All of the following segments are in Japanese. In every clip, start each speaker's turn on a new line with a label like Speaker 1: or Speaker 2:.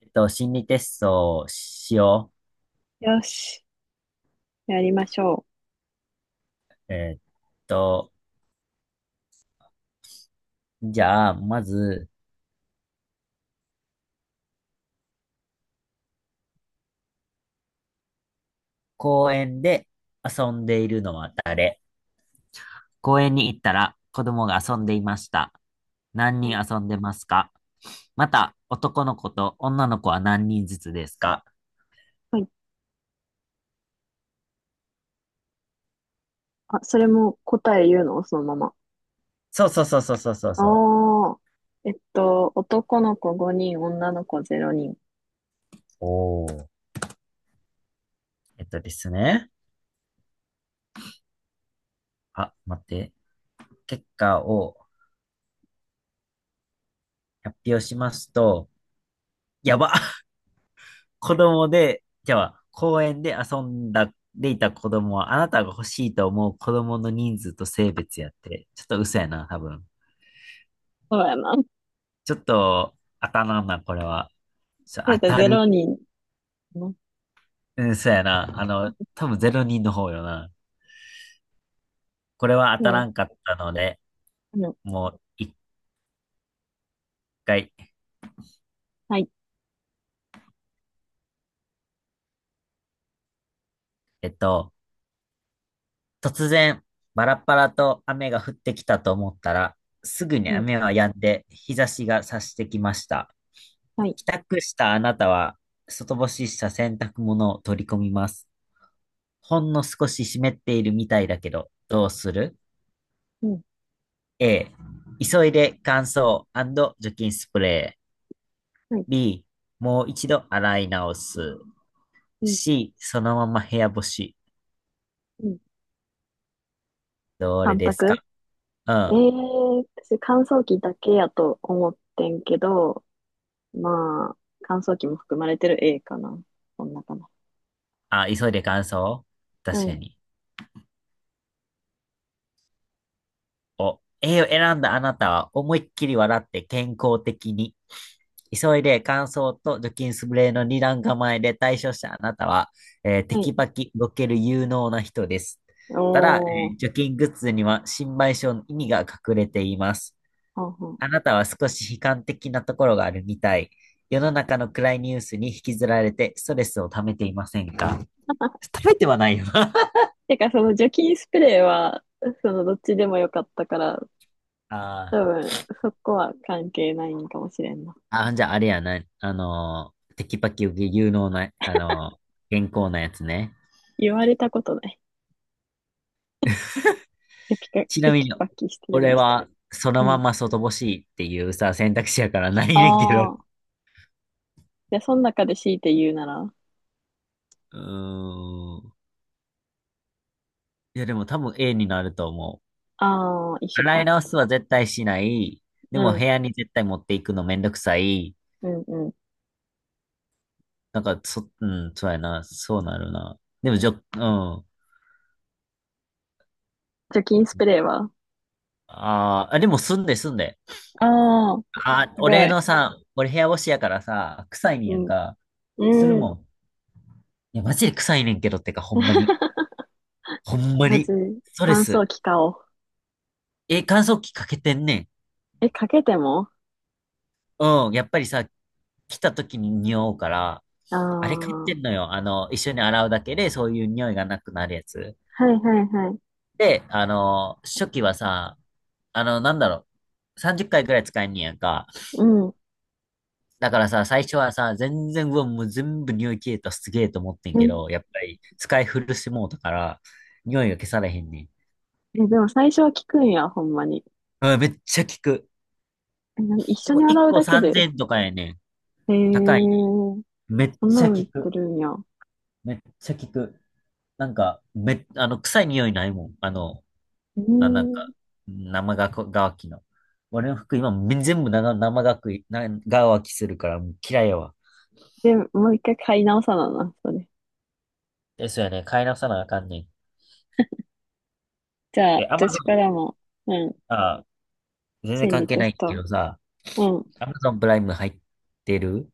Speaker 1: 心理テストをしよ
Speaker 2: よし。やりましょ
Speaker 1: う。と、じゃあ、まず、公園で遊んでいるのは誰？公園に行ったら子供が遊んでいました。何
Speaker 2: う。
Speaker 1: 人
Speaker 2: はい。
Speaker 1: 遊んでますか？また、男の子と女の子は何人ずつですか？
Speaker 2: はい。あ、それも答え言うのそのまま。
Speaker 1: そうそうそうそうそうそうそう。
Speaker 2: ああ。男の子5人、女の子0人。
Speaker 1: おー。えっとですね。あ、待って。結果を発表しますと、やば。子供で、じゃあ、公園で遊んだ、でいた子供は、あなたが欲しいと思う子供の人数と性別やって、ちょっと嘘やな、多分。
Speaker 2: そうやな。
Speaker 1: ちょっと、当たらんな、これは。ちょ
Speaker 2: だっ
Speaker 1: 当た
Speaker 2: てロ
Speaker 1: る。
Speaker 2: 人。うん。
Speaker 1: うん、そうやな。あの、多分0人の方よな。これは当
Speaker 2: う
Speaker 1: たら
Speaker 2: ん、
Speaker 1: んかったので、
Speaker 2: うん、
Speaker 1: もう一回。
Speaker 2: はい、
Speaker 1: えっと、突然、バラッバラと雨が降ってきたと思ったら、すぐに
Speaker 2: うん、
Speaker 1: 雨は止んで、日差しが差してきました。
Speaker 2: はい、
Speaker 1: 帰宅したあなたは、外干しした洗濯物を取り込みます。ほんの少し湿っているみたいだけど、どうする？
Speaker 2: うん、
Speaker 1: A、急いで乾燥除菌スプレー。
Speaker 2: はい、
Speaker 1: B、もう一度洗い直す。
Speaker 2: うん、
Speaker 1: C、そのまま部屋干し。
Speaker 2: うん。
Speaker 1: どれ
Speaker 2: 三
Speaker 1: です
Speaker 2: 択。
Speaker 1: か？うん。
Speaker 2: 私乾燥機だけやと思ってんけど、まあ、乾燥機も含まれてる A かな。こんなかな。
Speaker 1: あ、急いで乾燥
Speaker 2: う
Speaker 1: 確か
Speaker 2: ん。
Speaker 1: に。を A を選んだあなたは思いっきり笑って健康的に。急いで乾燥と除菌スプレーの二段構えで対処したあなたは、テ
Speaker 2: はい。
Speaker 1: キパキ動ける有能な人です。ただ、
Speaker 2: おー、
Speaker 1: 除菌グッズには心配性の意味が隠れています。
Speaker 2: はんはん。
Speaker 1: あなたは少し悲観的なところがあるみたい。世の中の暗いニュースに引きずられてストレスを溜めていませんか？ 溜めてはないよな。
Speaker 2: てか、その除菌スプレーは、そのどっちでもよかったから、
Speaker 1: あ
Speaker 2: 多
Speaker 1: あ。
Speaker 2: 分、そこは関係ないんかもしれんな。
Speaker 1: あ、じゃああれやな、テキパキ有能な、健康なやつね。
Speaker 2: 言われたことない。テキパ
Speaker 1: ちな
Speaker 2: テ
Speaker 1: み
Speaker 2: キ
Speaker 1: に、
Speaker 2: パキしてる
Speaker 1: 俺
Speaker 2: ね、と。
Speaker 1: は、その
Speaker 2: う
Speaker 1: ま
Speaker 2: ん。
Speaker 1: ま外干しっていうさ、選択肢やからないねんけど。
Speaker 2: あ
Speaker 1: う
Speaker 2: あ。じゃあ、その中で強いて言うなら、
Speaker 1: ーん。いや、でも多分 A になると思
Speaker 2: ああ、一
Speaker 1: う。
Speaker 2: 緒
Speaker 1: 洗い
Speaker 2: か。
Speaker 1: 直すは絶対しない。で
Speaker 2: う
Speaker 1: も部
Speaker 2: ん、
Speaker 1: 屋に絶対持っていくのめんどくさい。
Speaker 2: うん、うん。
Speaker 1: なんか、そ、うん、そうやな。そうなるな。でも、じょ、うん。
Speaker 2: 除菌スプレーは。
Speaker 1: あーあ、でも住んで住んで。
Speaker 2: ああー、
Speaker 1: あー、
Speaker 2: すご
Speaker 1: 俺
Speaker 2: い。
Speaker 1: のさ、俺部屋干しやからさ、臭いね
Speaker 2: う
Speaker 1: やん
Speaker 2: ん、
Speaker 1: か。する
Speaker 2: うん。
Speaker 1: もん。いや、マジで臭いねんけどってか、ほんまに。ほんま
Speaker 2: ま
Speaker 1: に。
Speaker 2: ず、
Speaker 1: ストレ
Speaker 2: 乾
Speaker 1: ス。
Speaker 2: 燥機買おう。
Speaker 1: え、乾燥機かけてんねん。
Speaker 2: え、かけても。
Speaker 1: うん。やっぱりさ、来た時に匂うから、
Speaker 2: あ
Speaker 1: あれ買って
Speaker 2: あー、
Speaker 1: んのよ。あの、一緒に洗うだけで、そういう匂いがなくなるやつ。
Speaker 2: はいはいはい。
Speaker 1: で、あの、初期はさ、なんだろう。30回くらい使えんねんやんか。
Speaker 2: うん。
Speaker 1: だからさ、最初はさ、全然、うわ、もう全部匂い消えた、すげえと思ってんけど、
Speaker 2: え、
Speaker 1: やっぱり使い古してもうたから、匂いが消されへんねん。
Speaker 2: えでも最初は効くんや、ほんまに。
Speaker 1: うん、めっちゃ効く。
Speaker 2: え、な一
Speaker 1: で
Speaker 2: 緒
Speaker 1: も
Speaker 2: に
Speaker 1: 1
Speaker 2: 洗う
Speaker 1: 個
Speaker 2: だけ
Speaker 1: 3000
Speaker 2: で。
Speaker 1: 円とかやねん。
Speaker 2: へえ、
Speaker 1: 高い。めっ
Speaker 2: そんな
Speaker 1: ちゃ効
Speaker 2: の作
Speaker 1: く。
Speaker 2: るんや。う
Speaker 1: めっちゃ効く。なんか、め、臭い匂いないもん。あの、
Speaker 2: ー
Speaker 1: あ、なん
Speaker 2: ん。
Speaker 1: か、生がこ、がわきの。俺の服今、め全部生、生がくい、な、がわきするから、もう嫌いやわ。
Speaker 2: で、もう一回買い直さなな、それ。
Speaker 1: ですよね。買い直さなあかんねん。
Speaker 2: じゃ
Speaker 1: え、
Speaker 2: あ、
Speaker 1: アマゾ
Speaker 2: 私から
Speaker 1: ン、
Speaker 2: も、うん、
Speaker 1: あ、全然
Speaker 2: 心
Speaker 1: 関
Speaker 2: 理
Speaker 1: 係
Speaker 2: テ
Speaker 1: な
Speaker 2: ス
Speaker 1: いけ
Speaker 2: ト。
Speaker 1: どさ、
Speaker 2: うん、
Speaker 1: アマゾンプライム入ってる？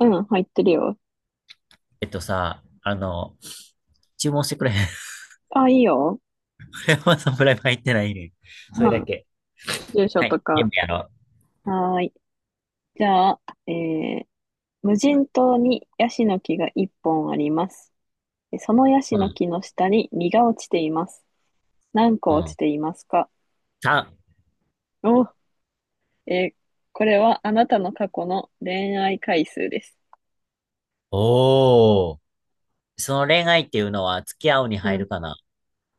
Speaker 2: うん、入ってるよ。
Speaker 1: えっとさ、あの、注文してくれへん。
Speaker 2: あ、いいよ。
Speaker 1: アマゾンプライム入ってないねん。それ
Speaker 2: う
Speaker 1: だ
Speaker 2: ん、
Speaker 1: け。
Speaker 2: 住所
Speaker 1: はい。
Speaker 2: と
Speaker 1: 全
Speaker 2: か。
Speaker 1: 部やろ
Speaker 2: はーい。じゃあ、えー、無人島にヤシの木が一本あります。そのヤシ
Speaker 1: う。う
Speaker 2: の
Speaker 1: ん。
Speaker 2: 木の下に実が落ちています。何個
Speaker 1: う
Speaker 2: 落ち
Speaker 1: ん。
Speaker 2: ていますか？
Speaker 1: 3。
Speaker 2: お、えーこれはあなたの過去の恋愛回数です。
Speaker 1: おー。その恋愛っていうのは付き合うに
Speaker 2: う
Speaker 1: 入
Speaker 2: ん。
Speaker 1: るか
Speaker 2: い
Speaker 1: な。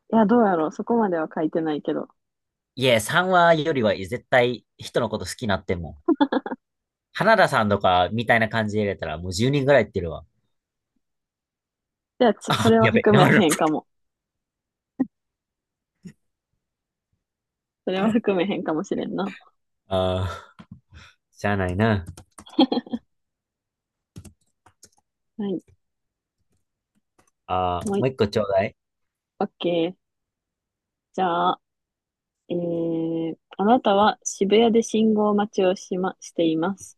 Speaker 2: や、どうやろう。そこまでは書いてないけど。
Speaker 1: いえ、3話よりは絶対人のこと好きになっても花田さんとかみたいな感じで入れたらもう10人ぐらいいってるわ。
Speaker 2: じゃあ、そ
Speaker 1: あ、
Speaker 2: れは
Speaker 1: やべ、
Speaker 2: 含め
Speaker 1: なる。
Speaker 2: へんかも。それは含めへんかもしれんな。
Speaker 1: ああ、しゃあないな。
Speaker 2: はい。
Speaker 1: ああ、
Speaker 2: もう
Speaker 1: も
Speaker 2: い、
Speaker 1: う一個ちょうだい。
Speaker 2: オッケー。じゃあ、あなたは渋谷で信号待ちをしています。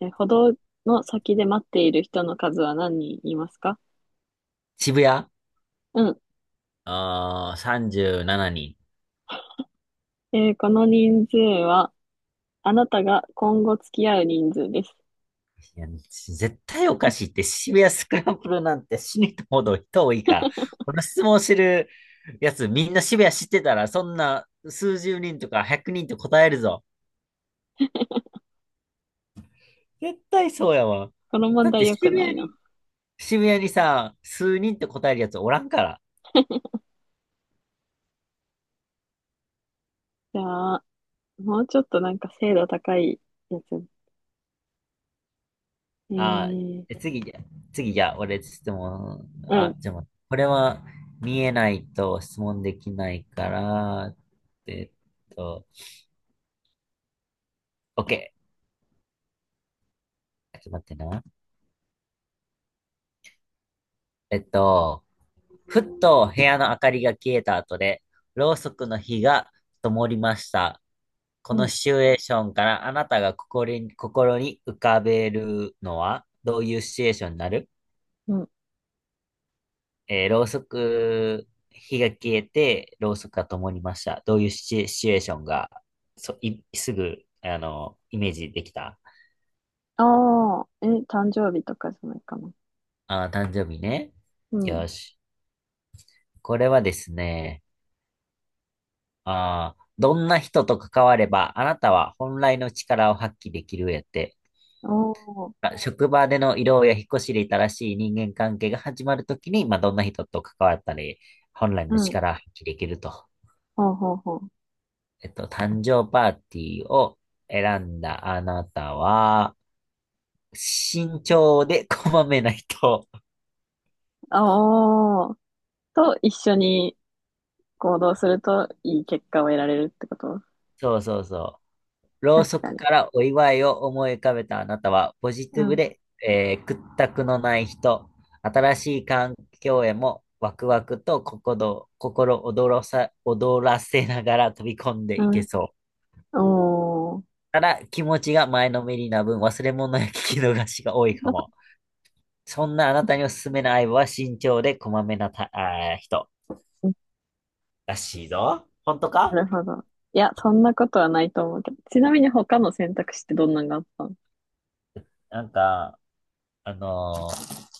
Speaker 2: 歩道の先で待っている人の数は何人いますか？
Speaker 1: 渋谷。
Speaker 2: うん。
Speaker 1: ああ、37人。
Speaker 2: この人数は、あなたが今後付き合う人数です。
Speaker 1: いや絶対おかしいって、渋谷スクランブルなんて死にとほど人多いから。この質問してるやつみんな渋谷知ってたら、そんな数十人とか100人って答えるぞ。絶対そうやわ。
Speaker 2: この問
Speaker 1: だっ
Speaker 2: 題
Speaker 1: て
Speaker 2: 良くないな。
Speaker 1: 渋谷にさ、数人って答えるやつおらんから。
Speaker 2: じゃあ、もうちょっとなんか精度高いやつ。え
Speaker 1: あ、
Speaker 2: ー、
Speaker 1: え、次じゃあ、俺質問、
Speaker 2: う
Speaker 1: あ、
Speaker 2: ん、
Speaker 1: じゃあ待って、これは見えないと質問できないから、えっと、OK。ちょっと待ってな。えっと、ふっと部屋の明かりが消えた後で、ろうそくの火が灯りました。こ
Speaker 2: う
Speaker 1: の
Speaker 2: ん、
Speaker 1: シチュエーションからあなたが心に浮かべるのはどういうシチュエーションになる？
Speaker 2: うん、
Speaker 1: ろうそく、火が消えて、ろうそくが灯りました。どういうシチュエーションが、そ、い、すぐ、あの、イメージできた？
Speaker 2: ああ、え、誕生日とかじゃないかな。
Speaker 1: あー、誕生日ね。
Speaker 2: うん。
Speaker 1: よし。これはですね、ああ、どんな人と関われば、あなたは本来の力を発揮できるやって。
Speaker 2: おお、
Speaker 1: まあ職場での異動や引っ越しで新しい人間関係が始まるときに、まあ、どんな人と関わったり、本来
Speaker 2: う
Speaker 1: の
Speaker 2: ん、
Speaker 1: 力を発揮できると。
Speaker 2: ほうほうほう。
Speaker 1: 誕生パーティーを選んだあなたは、慎重でこまめな人。
Speaker 2: ああ、と一緒に行動するといい結果を得られるってこと？
Speaker 1: そうそうそう。ろう
Speaker 2: 確
Speaker 1: そ
Speaker 2: か
Speaker 1: く
Speaker 2: に。
Speaker 1: からお祝いを思い浮かべたあなたは、ポジ
Speaker 2: う
Speaker 1: ティブ
Speaker 2: ん、
Speaker 1: で、屈託のない人、新しい環境へもワクワクと心躍らせながら飛び込んで
Speaker 2: う
Speaker 1: いけ
Speaker 2: ん、
Speaker 1: そう。
Speaker 2: おお、
Speaker 1: ただ、気持ちが前のめりな分、忘れ物や聞き逃しが多いかも。そんなあなたにおすすめの相棒は慎重でこまめなた、あー人らしいぞ。本当か？
Speaker 2: なるほど。いや、そんなことはないと思うけど。ちなみに他の選択肢ってどんなのがあったの？
Speaker 1: なんか、あのー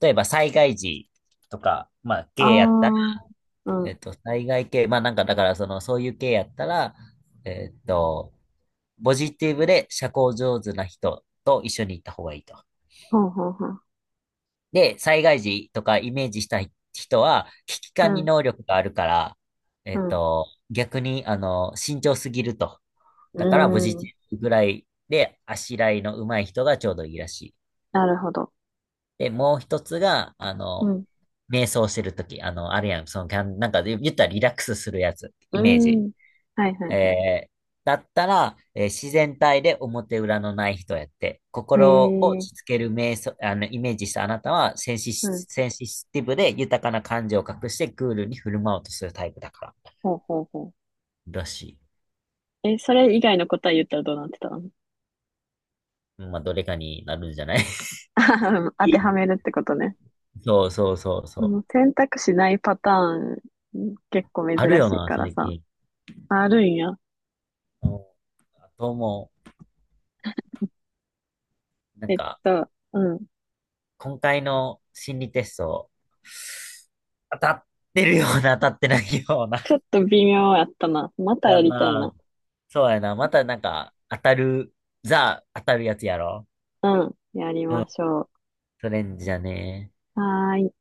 Speaker 1: 例えば災害時とか、まあ、ゲイやったら
Speaker 2: ああー、うん、
Speaker 1: 災害系、まあなんかだから、その、そういう系やったら、えっと、ポジティブで社交上手な人と一緒に行った方がいいと。
Speaker 2: ほうほうほう。
Speaker 1: で、災害時とかイメージしたい人は、危機
Speaker 2: う
Speaker 1: 管理
Speaker 2: ん、
Speaker 1: 能力があるから、
Speaker 2: うん。
Speaker 1: 逆に、あの、慎重すぎると。
Speaker 2: う
Speaker 1: だから、ポジ
Speaker 2: ーん。
Speaker 1: ティブぐらいで、あしらいの上手い人がちょうどいいらしい。
Speaker 2: なるほど。
Speaker 1: で、もう一つが、あ
Speaker 2: う
Speaker 1: の、
Speaker 2: ん。
Speaker 1: 瞑想してるとき、あの、あるやん、その、キャンなんか言ったらリラックスするやつ、
Speaker 2: う
Speaker 1: イ
Speaker 2: ー
Speaker 1: メージ。
Speaker 2: ん。はいはいは
Speaker 1: えーだったら、自然体で表裏のない人やって、
Speaker 2: い。へ
Speaker 1: 心を落ち
Speaker 2: え。
Speaker 1: 着ける瞑想、あの、イメージしたあなたは、
Speaker 2: うん。
Speaker 1: センシティブで豊かな感情を隠してクールに振る舞おうとするタイプだから。
Speaker 2: ほうほうほ
Speaker 1: らし
Speaker 2: う。え、それ以外の答え言ったらどうなってたの？
Speaker 1: い。まあ、どれかになるんじゃない？
Speaker 2: 当てはめ るってことね。
Speaker 1: そうそうそう
Speaker 2: あ
Speaker 1: そ
Speaker 2: の
Speaker 1: う。
Speaker 2: 選択肢ないパターン、結構珍
Speaker 1: あるよ
Speaker 2: しい
Speaker 1: な、
Speaker 2: から
Speaker 1: 最
Speaker 2: さ。
Speaker 1: 近。
Speaker 2: あるんや。
Speaker 1: うんあともう、なんか、
Speaker 2: うん。
Speaker 1: 今回の心理テスト、当たってるような、当たってないような。
Speaker 2: ちょっと微妙やったな。また
Speaker 1: や
Speaker 2: や
Speaker 1: ん
Speaker 2: りたいな。
Speaker 1: な。そうやな。またなんか、当たる、ザ、当たるやつやろ。
Speaker 2: うん。やり
Speaker 1: うん。
Speaker 2: ましょ
Speaker 1: それんじゃね。
Speaker 2: う。はーい。